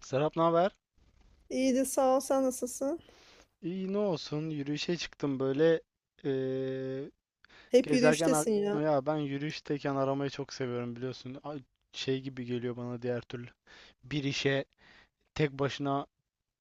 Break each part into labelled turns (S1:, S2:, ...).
S1: Serap, ne haber?
S2: İyidir sağ ol sen nasılsın?
S1: İyi, ne olsun, yürüyüşe çıktım böyle. eee,
S2: Hep
S1: gezerken ar-
S2: yürüyüştesin ya.
S1: Ya, ben yürüyüşteyken aramayı çok seviyorum, biliyorsun Ay, şey gibi geliyor bana diğer türlü. Bir işe tek başına,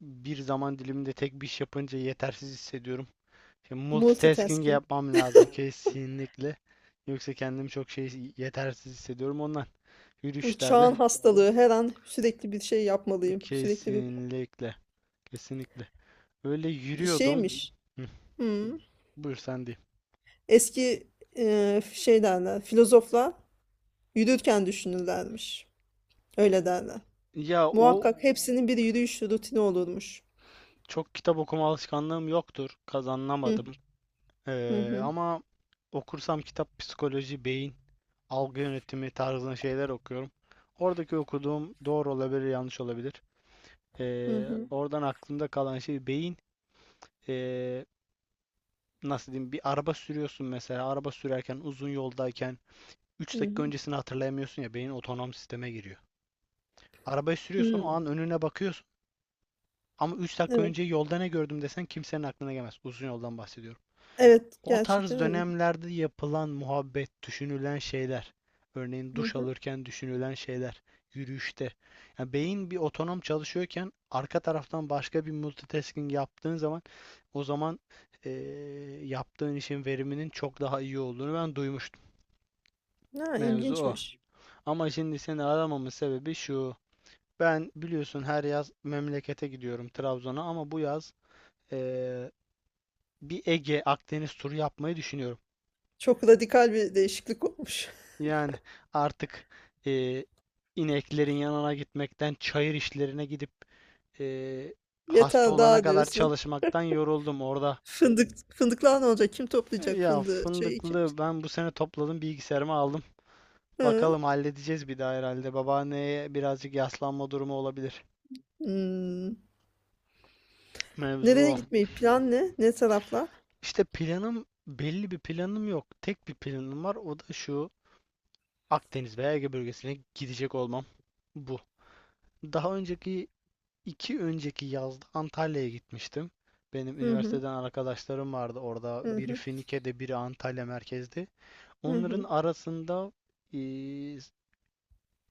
S1: bir zaman diliminde tek bir iş yapınca yetersiz hissediyorum. Şimdi multitasking
S2: Multitasking.
S1: yapmam lazım kesinlikle, yoksa kendimi çok şey, yetersiz hissediyorum ondan
S2: Bu
S1: yürüyüşlerde.
S2: çağın hastalığı her an sürekli bir şey yapmalıyım. Sürekli bir,
S1: Kesinlikle, kesinlikle öyle
S2: bir
S1: yürüyordum.
S2: şeymiş.
S1: Hı,
S2: Hmm.
S1: buyur sen diyeyim.
S2: Eski şey derler filozoflar yürürken düşünürlermiş. Öyle derler.
S1: Ya o
S2: Muhakkak hepsinin bir yürüyüş rutini olurmuş.
S1: Çok kitap okuma alışkanlığım yoktur.
S2: Hı
S1: Kazanamadım.
S2: hı hı
S1: Ama okursam kitap psikoloji, beyin, algı yönetimi tarzında şeyler okuyorum. Oradaki okuduğum doğru olabilir, yanlış olabilir.
S2: hı hı
S1: Oradan aklımda kalan şey beyin. Ee, Nasıl diyeyim? Bir araba sürüyorsun mesela. Araba sürerken, uzun yoldayken
S2: hı
S1: üç dakika
S2: hı.
S1: öncesini hatırlayamıyorsun ya. Beyin otonom sisteme giriyor. Arabayı sürüyorsun, o
S2: Hı.
S1: an önüne bakıyorsun. Ama 3 dakika
S2: Evet.
S1: önce yolda ne gördüm desen kimsenin aklına gelmez. Uzun yoldan bahsediyorum.
S2: Evet,
S1: O
S2: gerçekten
S1: tarz
S2: öyle.
S1: dönemlerde yapılan muhabbet, düşünülen şeyler. Örneğin
S2: Hı
S1: duş
S2: hı.
S1: alırken düşünülen şeyler, yürüyüşte. Yani beyin bir otonom çalışıyorken arka taraftan başka bir multitasking yaptığın zaman, o zaman eee, yaptığın işin veriminin çok daha iyi olduğunu ben duymuştum.
S2: Ha,
S1: Mevzu o.
S2: ilginçmiş.
S1: Ama şimdi seni aramamın sebebi şu: ben biliyorsun her yaz memlekete gidiyorum Trabzon'a, ama bu yaz eee, bir Ege Akdeniz turu yapmayı düşünüyorum.
S2: Çok radikal bir değişiklik olmuş.
S1: Yani artık e, ineklerin yanına gitmekten, çayır işlerine gidip e, hasta
S2: Yeter
S1: olana
S2: daha
S1: kadar
S2: diyorsun.
S1: çalışmaktan yoruldum orada.
S2: Fındık fındıklar ne olacak? Kim toplayacak
S1: Ya
S2: fındığı? Çayı kim?
S1: fındıklı ben bu sene topladım, bilgisayarıma aldım.
S2: Hı.
S1: Bakalım, halledeceğiz bir daha herhalde. Babaanneye birazcık yaslanma durumu olabilir.
S2: Hmm.
S1: Mevzu
S2: Nereye
S1: o.
S2: gitmeyi plan ne? Ne taraflar?
S1: İşte planım, belli bir planım yok. Tek bir planım var, o da şu: Akdeniz veya Ege bölgesine gidecek olmam. Bu. Daha önceki, iki önceki yazda Antalya'ya gitmiştim. Benim
S2: Hı hı.
S1: üniversiteden arkadaşlarım vardı orada.
S2: Hı
S1: Biri
S2: hı.
S1: Finike'de, biri Antalya merkezde.
S2: Hı
S1: Onların
S2: hı.
S1: arasında eee,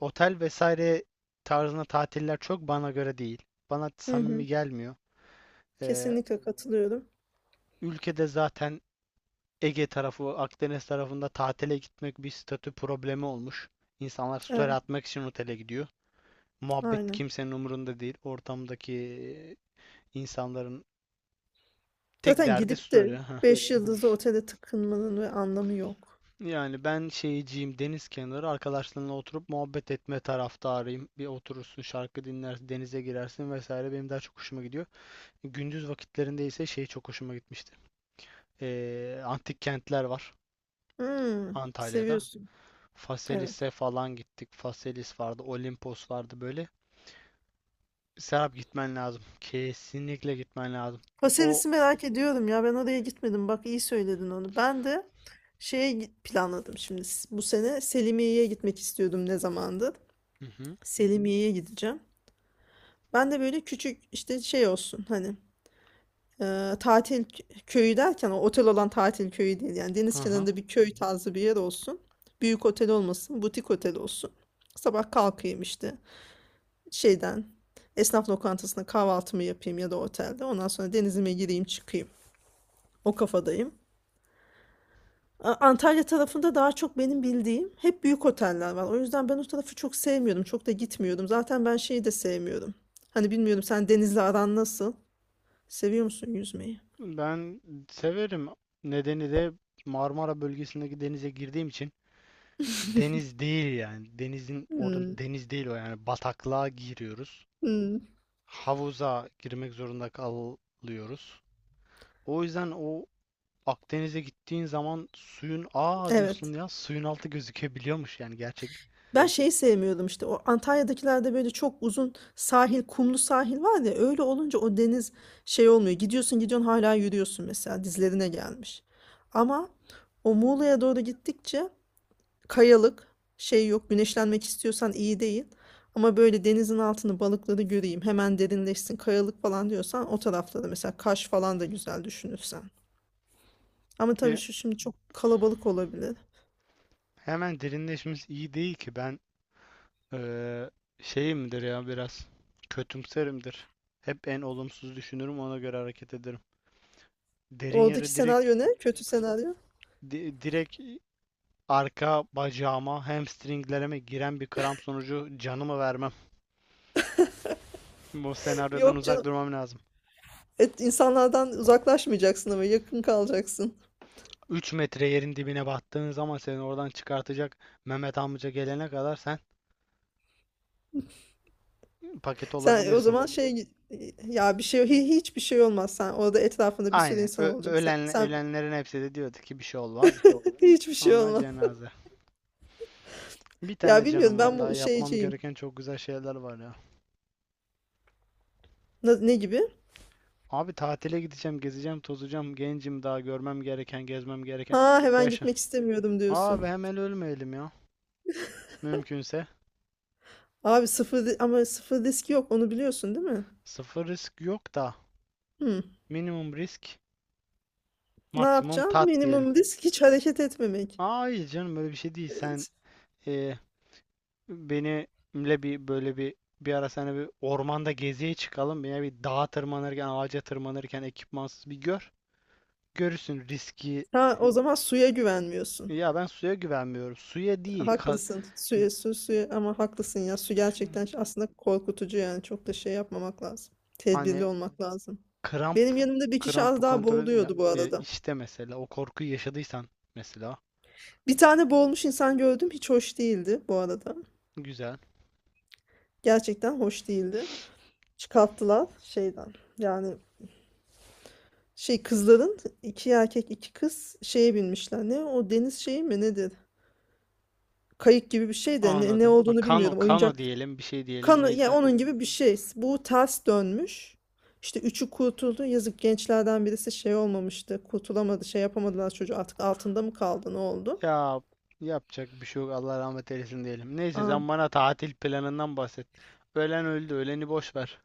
S1: otel vesaire tarzına tatiller çok bana göre değil. Bana
S2: Hı
S1: samimi
S2: hı.
S1: gelmiyor. Eee,
S2: Kesinlikle katılıyorum.
S1: Ülkede zaten Ege tarafı, Akdeniz tarafında tatile gitmek bir statü problemi olmuş. İnsanlar story
S2: Evet,
S1: atmak için otele gidiyor. Muhabbet
S2: aynen.
S1: kimsenin umurunda değil. Ortamdaki insanların tek
S2: Zaten
S1: derdi
S2: gidip de
S1: story. Ha,
S2: 5 yıldızlı otele tıkınmanın ve anlamı yok.
S1: yani ben şeyciyim, deniz kenarı arkadaşlarınla oturup muhabbet etme taraftarıyım. Bir oturursun, şarkı dinlersin, denize girersin vesaire, benim daha çok hoşuma gidiyor. Gündüz vakitlerinde ise şey çok hoşuma gitmişti. Antik kentler var
S2: Hmm,
S1: Antalya'da.
S2: seviyorsun. Evet.
S1: Faselis'e falan gittik. Faselis vardı, Olimpos vardı böyle. Serap, gitmen lazım. Kesinlikle gitmen lazım. O
S2: Paselis'i merak ediyorum ya. Ben oraya gitmedim. Bak iyi söyledin onu. Ben de planladım şimdi. Bu sene Selimiye'ye gitmek istiyordum ne zamandır.
S1: Hı hı.
S2: Selimiye'ye gideceğim. Ben de böyle küçük işte şey olsun hani tatil köyü derken o otel olan tatil köyü değil. Yani deniz
S1: Aha.
S2: kenarında bir köy tarzı bir yer olsun. Büyük otel olmasın, butik otel olsun. Sabah kalkayım işte. Şeyden esnaf lokantasında kahvaltımı yapayım ya da otelde. Ondan sonra denizime gireyim çıkayım. O kafadayım. Antalya tarafında daha çok benim bildiğim hep büyük oteller var. O yüzden ben o tarafı çok sevmiyordum. Çok da gitmiyordum. Zaten ben şeyi de sevmiyorum. Hani bilmiyorum sen denizle aran nasıl? Seviyor musun yüzmeyi?
S1: Ben severim. Nedeni de Marmara bölgesindeki denize girdiğim için. Deniz değil yani. Denizin orada,
S2: Hmm,
S1: deniz değil o yani. Bataklığa giriyoruz.
S2: hmm,
S1: Havuza girmek zorunda kalıyoruz. O yüzden o Akdeniz'e gittiğin zaman suyun, aa diyorsun
S2: evet.
S1: ya, suyun altı gözükebiliyormuş yani, gerçek.
S2: Ben şeyi sevmiyordum işte o Antalya'dakilerde böyle çok uzun sahil, kumlu sahil var ya öyle olunca o deniz şey olmuyor. Gidiyorsun gidiyorsun hala yürüyorsun mesela dizlerine gelmiş. Ama o Muğla'ya doğru gittikçe kayalık şey yok, güneşlenmek istiyorsan iyi değil. Ama böyle denizin altını balıkları göreyim hemen derinleşsin kayalık falan diyorsan o tarafları mesela Kaş falan da güzel düşünürsen. Ama tabii
S1: E,
S2: şu şimdi çok kalabalık olabilir.
S1: Hemen derinleşmemiz iyi değil ki, ben eee şeyimdir ya, biraz kötümserimdir. Hep en olumsuz düşünürüm, ona göre hareket ederim. Derin
S2: Oradaki
S1: yere
S2: senaryo ne? Kötü senaryo.
S1: direkt arka bacağıma, hamstringlerime giren bir kramp sonucu canımı vermem. Bu senaryodan
S2: Yok
S1: uzak
S2: canım.
S1: durmam lazım.
S2: Et, insanlardan uzaklaşmayacaksın ama yakın kalacaksın.
S1: 3 metre yerin dibine battığın zaman seni oradan çıkartacak Mehmet amca gelene kadar sen paket
S2: Sen o
S1: olabilirsin.
S2: zaman şey, ya bir şey hiçbir şey olmaz. Sen orada etrafında bir sürü
S1: Aynen.
S2: insan olacak. Sen,
S1: Ölen,
S2: sen
S1: ölenlerin hepsi de diyordu ki bir şey olmaz.
S2: hiçbir şey
S1: Sonra
S2: olmaz.
S1: cenaze. Bir
S2: Ya
S1: tane
S2: bilmiyorum
S1: canım var.
S2: ben
S1: Daha
S2: bu
S1: yapmam
S2: şeyciyim.
S1: gereken çok güzel şeyler var ya.
S2: Ne gibi?
S1: Abi tatile gideceğim, gezeceğim, tozacağım. Gencim, daha görmem gereken, gezmem gereken.
S2: Ha hemen
S1: Yaşa.
S2: gitmek istemiyorum
S1: Abi
S2: diyorsun.
S1: hemen ölmeyelim ya. Mümkünse.
S2: Abi ama sıfır risk yok onu biliyorsun değil mi?
S1: Sıfır risk yok da,
S2: Hmm.
S1: minimum risk,
S2: Ne
S1: maksimum
S2: yapacağım?
S1: tat diyelim.
S2: Minimum risk hiç hareket etmemek.
S1: Aa, hayır canım, böyle bir şey değil. Sen
S2: Evet.
S1: e, benimle bir, böyle bir ara sana, bir ormanda geziye çıkalım. Ya bir dağa tırmanırken, ağaca tırmanırken ekipmansız bir gör. Görürsün riski.
S2: Ha, o zaman suya güvenmiyorsun.
S1: Ya ben suya güvenmiyorum. Suya değil.
S2: Haklısın. Suya ama haklısın ya. Su gerçekten aslında korkutucu yani. Çok da şey yapmamak lazım. Tedbirli
S1: Hani
S2: olmak lazım.
S1: kramp,
S2: Benim yanımda bir kişi az
S1: krampı
S2: daha
S1: kontrol ya,
S2: boğuluyordu bu
S1: ya
S2: arada.
S1: işte mesela o korkuyu yaşadıysan mesela,
S2: Bir tane boğulmuş insan gördüm. Hiç hoş değildi bu arada.
S1: güzel.
S2: Gerçekten hoş değildi. Çıkarttılar şeyden. Yani şey kızların, iki erkek iki kız şeye binmişler. Ne o deniz şeyi mi nedir? Kayık gibi bir şey de ne
S1: Anladım. Ha,
S2: olduğunu
S1: kano,
S2: bilmiyorum.
S1: kano
S2: Oyuncak
S1: diyelim, bir şey diyelim
S2: kanı, yani
S1: neyse.
S2: onun gibi bir şey. Bu ters dönmüş. İşte üçü kurtuldu. Yazık, gençlerden birisi şey olmamıştı. Kurtulamadı, şey yapamadılar çocuğu. Artık altında mı kaldı, ne oldu?
S1: Ya, yapacak bir şey yok. Allah rahmet eylesin diyelim. Neyse,
S2: Aa.
S1: sen bana tatil planından bahset. Ölen öldü. Öleni boş ver.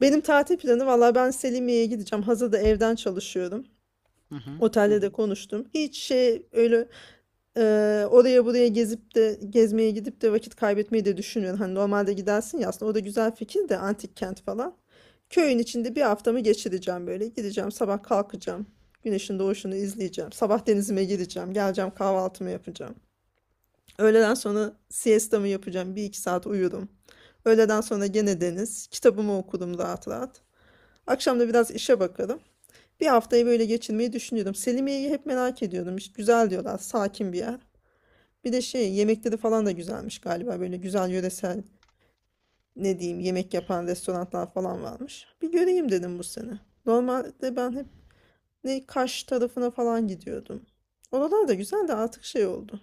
S2: Benim tatil planı valla ben Selimiye'ye gideceğim. Hazır da evden çalışıyorum.
S1: Hı hı.
S2: Otelde de konuştum. Hiç şey öyle, oraya buraya gezip de gezmeye gidip de vakit kaybetmeyi de düşünüyorum. Hani normalde gidersin ya, aslında o da güzel fikir de antik kent falan. Köyün içinde bir haftamı geçireceğim böyle. Gideceğim, sabah kalkacağım. Güneşin doğuşunu izleyeceğim. Sabah denizime gireceğim. Geleceğim, kahvaltımı yapacağım. Öğleden sonra siestamı yapacağım. Bir iki saat uyurum. Öğleden sonra gene deniz. Kitabımı okurum rahat rahat. Akşam da biraz işe bakarım. Bir haftayı böyle geçirmeyi düşünüyorum. Selimiye'yi hep merak ediyorum. Güzel diyorlar. Sakin bir yer. Bir de şey, yemekleri falan da güzelmiş galiba. Böyle güzel yöresel ne diyeyim yemek yapan restoranlar falan varmış. Bir göreyim dedim bu sene. Normalde ben hep ne Kaş tarafına falan gidiyordum. Oralar da güzel de artık şey oldu.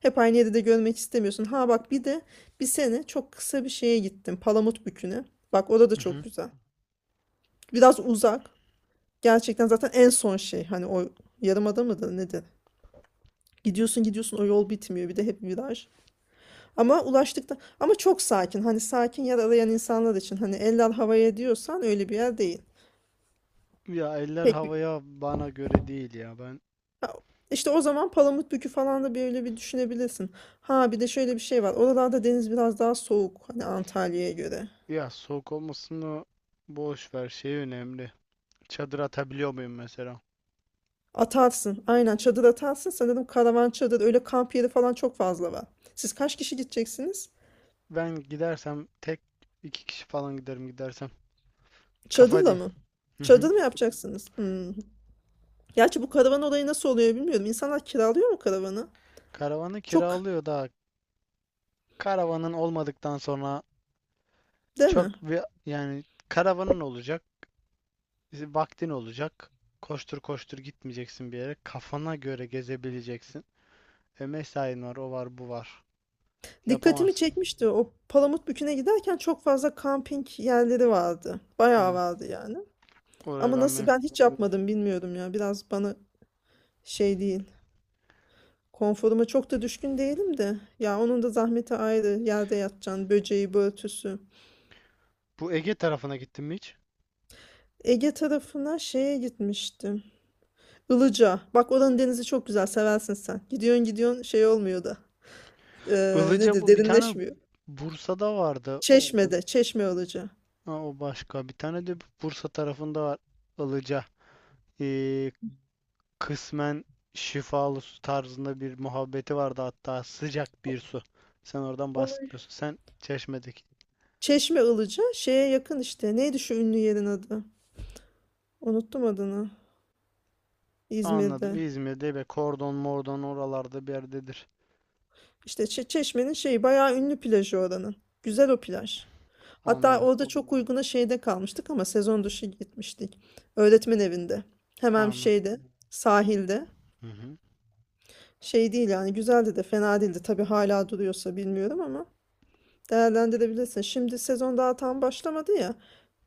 S2: Hep aynı yeri de görmek istemiyorsun. Ha bak, bir de bir sene çok kısa bir şeye gittim. Palamutbükü'ne. Bak orada da
S1: Hı
S2: çok
S1: hı.
S2: güzel. Biraz uzak. Gerçekten zaten en son şey. Hani o yarımada mıdır nedir? Gidiyorsun gidiyorsun o yol bitmiyor. Bir de hep viraj. Ama ulaştıkta ama çok sakin. Hani sakin yer arayan insanlar için, hani eller havaya diyorsan öyle bir yer değil.
S1: Ya, eller
S2: Pek bir.
S1: havaya bana göre değil ya. Ben,
S2: Ha, işte o zaman Palamutbükü falan da böyle bir düşünebilirsin. Ha bir de şöyle bir şey var. Oralarda deniz biraz daha soğuk hani Antalya'ya göre.
S1: ya soğuk olmasını boş ver. Şey önemli. Çadır atabiliyor muyum mesela?
S2: Atarsın. Aynen çadır atarsın. Sanırım karavan çadır öyle kamp yeri falan çok fazla var. Siz kaç kişi gideceksiniz?
S1: Ben gidersem tek, iki kişi falan giderim gidersem. Kafa
S2: Çadırla
S1: din.
S2: mı?
S1: Hı hı.
S2: Çadır mı yapacaksınız? Hmm. Gerçi bu karavan olayı nasıl oluyor bilmiyorum. İnsanlar kiralıyor mu karavanı?
S1: Karavanı
S2: Çok,
S1: kiralıyor da, karavanın olmadıktan sonra
S2: değil mi?
S1: çok bir, yani karavanın olacak. Bizi vaktin olacak. Koştur koştur gitmeyeceksin bir yere. Kafana göre gezebileceksin. E mesain var, o var, bu var.
S2: Dikkatimi
S1: Yapamazsın.
S2: çekmişti. O Palamutbükü'ne giderken çok fazla kamping yerleri vardı. Bayağı
S1: Hı.
S2: vardı yani.
S1: Oraya
S2: Ama
S1: ben
S2: nasıl,
S1: mi?
S2: ben hiç yapmadım bilmiyorum ya. Biraz bana şey değil. Konforuma çok da düşkün değilim de. Ya onun da zahmeti ayrı. Yerde yatacaksın. Böceği, börtüsü.
S1: Bu Ege tarafına gittin mi hiç?
S2: Ege tarafına şeye gitmiştim. Ilıca. Bak oranın denizi çok güzel. Seversin sen. Gidiyorsun gidiyorsun şey olmuyor da. Ee,
S1: Ilıca,
S2: nedir?
S1: bu bir tane
S2: Derinleşmiyor.
S1: Bursa'da vardı.
S2: Çeşme'de. Çeşme Ilıca.
S1: Ha, o başka. Bir tane de Bursa tarafında var. Ilıca. Ee, Kısmen şifalı su tarzında bir muhabbeti vardı, hatta sıcak bir su. Sen oradan bahsetmiyorsun. Sen Çeşme'deki.
S2: Çeşme Ilıca şeye yakın işte. Neydi şu ünlü yerin adı? Unuttum adını.
S1: Anladım.
S2: İzmir'de.
S1: İzmir'de ve kordon mordon oralarda bir yerdedir.
S2: İşte Çeşme'nin şeyi bayağı ünlü plajı oranın. Güzel o plaj. Hatta
S1: Anladım.
S2: orada çok uyguna şeyde kalmıştık ama sezon dışı gitmiştik. Öğretmen evinde. Hemen
S1: Anladım.
S2: şeyde, sahilde.
S1: Hı hı.
S2: Şey değil yani, güzeldi de, fena değildi. Tabii hala duruyorsa bilmiyorum ama değerlendirebilirsin. Şimdi sezon daha tam başlamadı ya.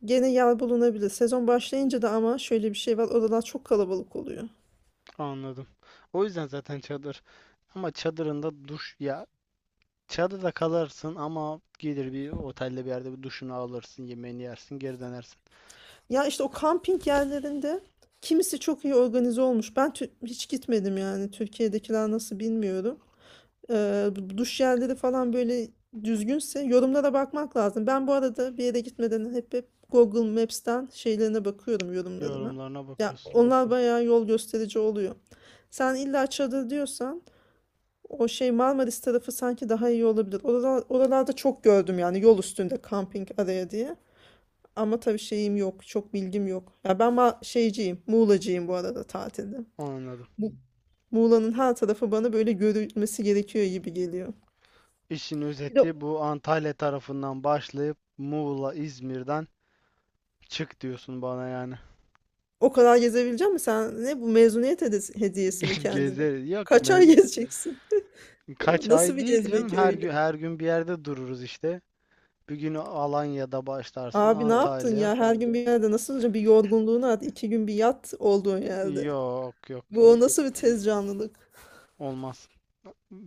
S2: Gene yer bulunabilir. Sezon başlayınca da ama şöyle bir şey var. Oralar çok kalabalık oluyor.
S1: Anladım. O yüzden zaten çadır. Ama çadırında duş ya, çadırda kalarsın ama gelir bir otelde, bir yerde bir duşunu alırsın, yemeğini yersin, geri dönersin.
S2: Ya işte o kamping yerlerinde kimisi çok iyi organize olmuş. Ben hiç gitmedim yani. Türkiye'dekiler nasıl bilmiyorum. Bu duş yerleri falan böyle düzgünse yorumlara bakmak lazım. Ben bu arada bir yere gitmeden hep, Google Maps'ten şeylerine bakıyorum, yorumlarına.
S1: Yorumlarına
S2: Ya
S1: bakıyorsun.
S2: onlar bayağı yol gösterici oluyor. Sen illa çadır diyorsan o şey Marmaris tarafı sanki daha iyi olabilir. Oralarda çok gördüm yani yol üstünde kamping araya diye. Ama tabii şeyim yok. Çok bilgim yok. Ya ben şeyciyim. Muğlacıyım bu arada tatilde.
S1: Anladım.
S2: Bu Muğla'nın her tarafı bana böyle görülmesi gerekiyor gibi geliyor.
S1: İşin
S2: Bir de
S1: özeti: bu Antalya tarafından başlayıp Muğla, İzmir'den çık diyorsun bana yani.
S2: o kadar gezebilecek mi? Sen ne, bu mezuniyet hediyesi mi kendine?
S1: Gezeriz. Yok
S2: Kaç ay
S1: mez
S2: gezeceksin? O
S1: Kaç
S2: nasıl
S1: ay
S2: bir
S1: değil canım.
S2: gezmek
S1: Her
S2: öyle?
S1: gün, her gün bir yerde dururuz işte. Bir gün Alanya'da başlarsın,
S2: Abi ne yaptın
S1: Antalya.
S2: ya? Her gün bir yerde nasıl olacak? Bir yorgunluğunu at. İki gün bir yat olduğun yerde.
S1: Yok yok,
S2: Bu o nasıl bir tez canlılık?
S1: olmaz.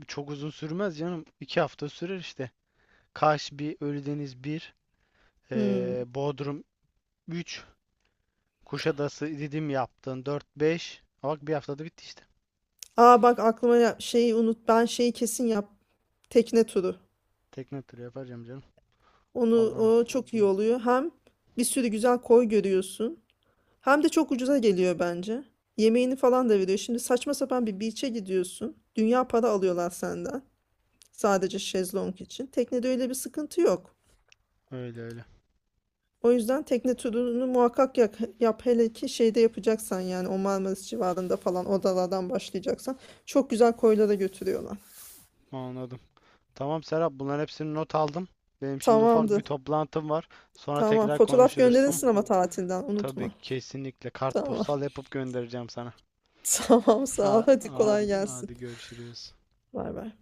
S1: Çok uzun sürmez canım. İki hafta sürer işte. Kaş bir, Ölüdeniz bir,
S2: Hmm.
S1: Bodrum üç, Kuşadası dedim yaptın dört beş, bak bir haftada bitti işte.
S2: Aa bak aklıma, şeyi unut. Ben şeyi kesin yap. Tekne turu.
S1: Tekne turu yapacağım canım.
S2: Onu,
S1: Allah'ım,
S2: o çok iyi oluyor. Hem bir sürü güzel koy görüyorsun. Hem de çok ucuza geliyor bence. Yemeğini falan da veriyor. Şimdi saçma sapan bir beach'e gidiyorsun. Dünya para alıyorlar senden. Sadece şezlong için. Teknede öyle bir sıkıntı yok.
S1: öyle öyle.
S2: O yüzden tekne turunu muhakkak yap, yap hele ki şeyde yapacaksan yani o Marmaris civarında falan odalardan başlayacaksan çok güzel koylara götürüyorlar.
S1: Anladım. Tamam Serap, bunların hepsini not aldım. Benim şimdi ufak bir
S2: Tamamdır.
S1: toplantım var. Sonra
S2: Tamam.
S1: tekrar
S2: Fotoğraf
S1: konuşuruz, tamam.
S2: gönderirsin ama tatilden
S1: Tabii,
S2: unutma.
S1: kesinlikle
S2: Tamam.
S1: kartpostal yapıp göndereceğim sana.
S2: Tamam sağ ol.
S1: Ha,
S2: Hadi kolay
S1: hadi
S2: gelsin.
S1: hadi, görüşürüz.
S2: Var var.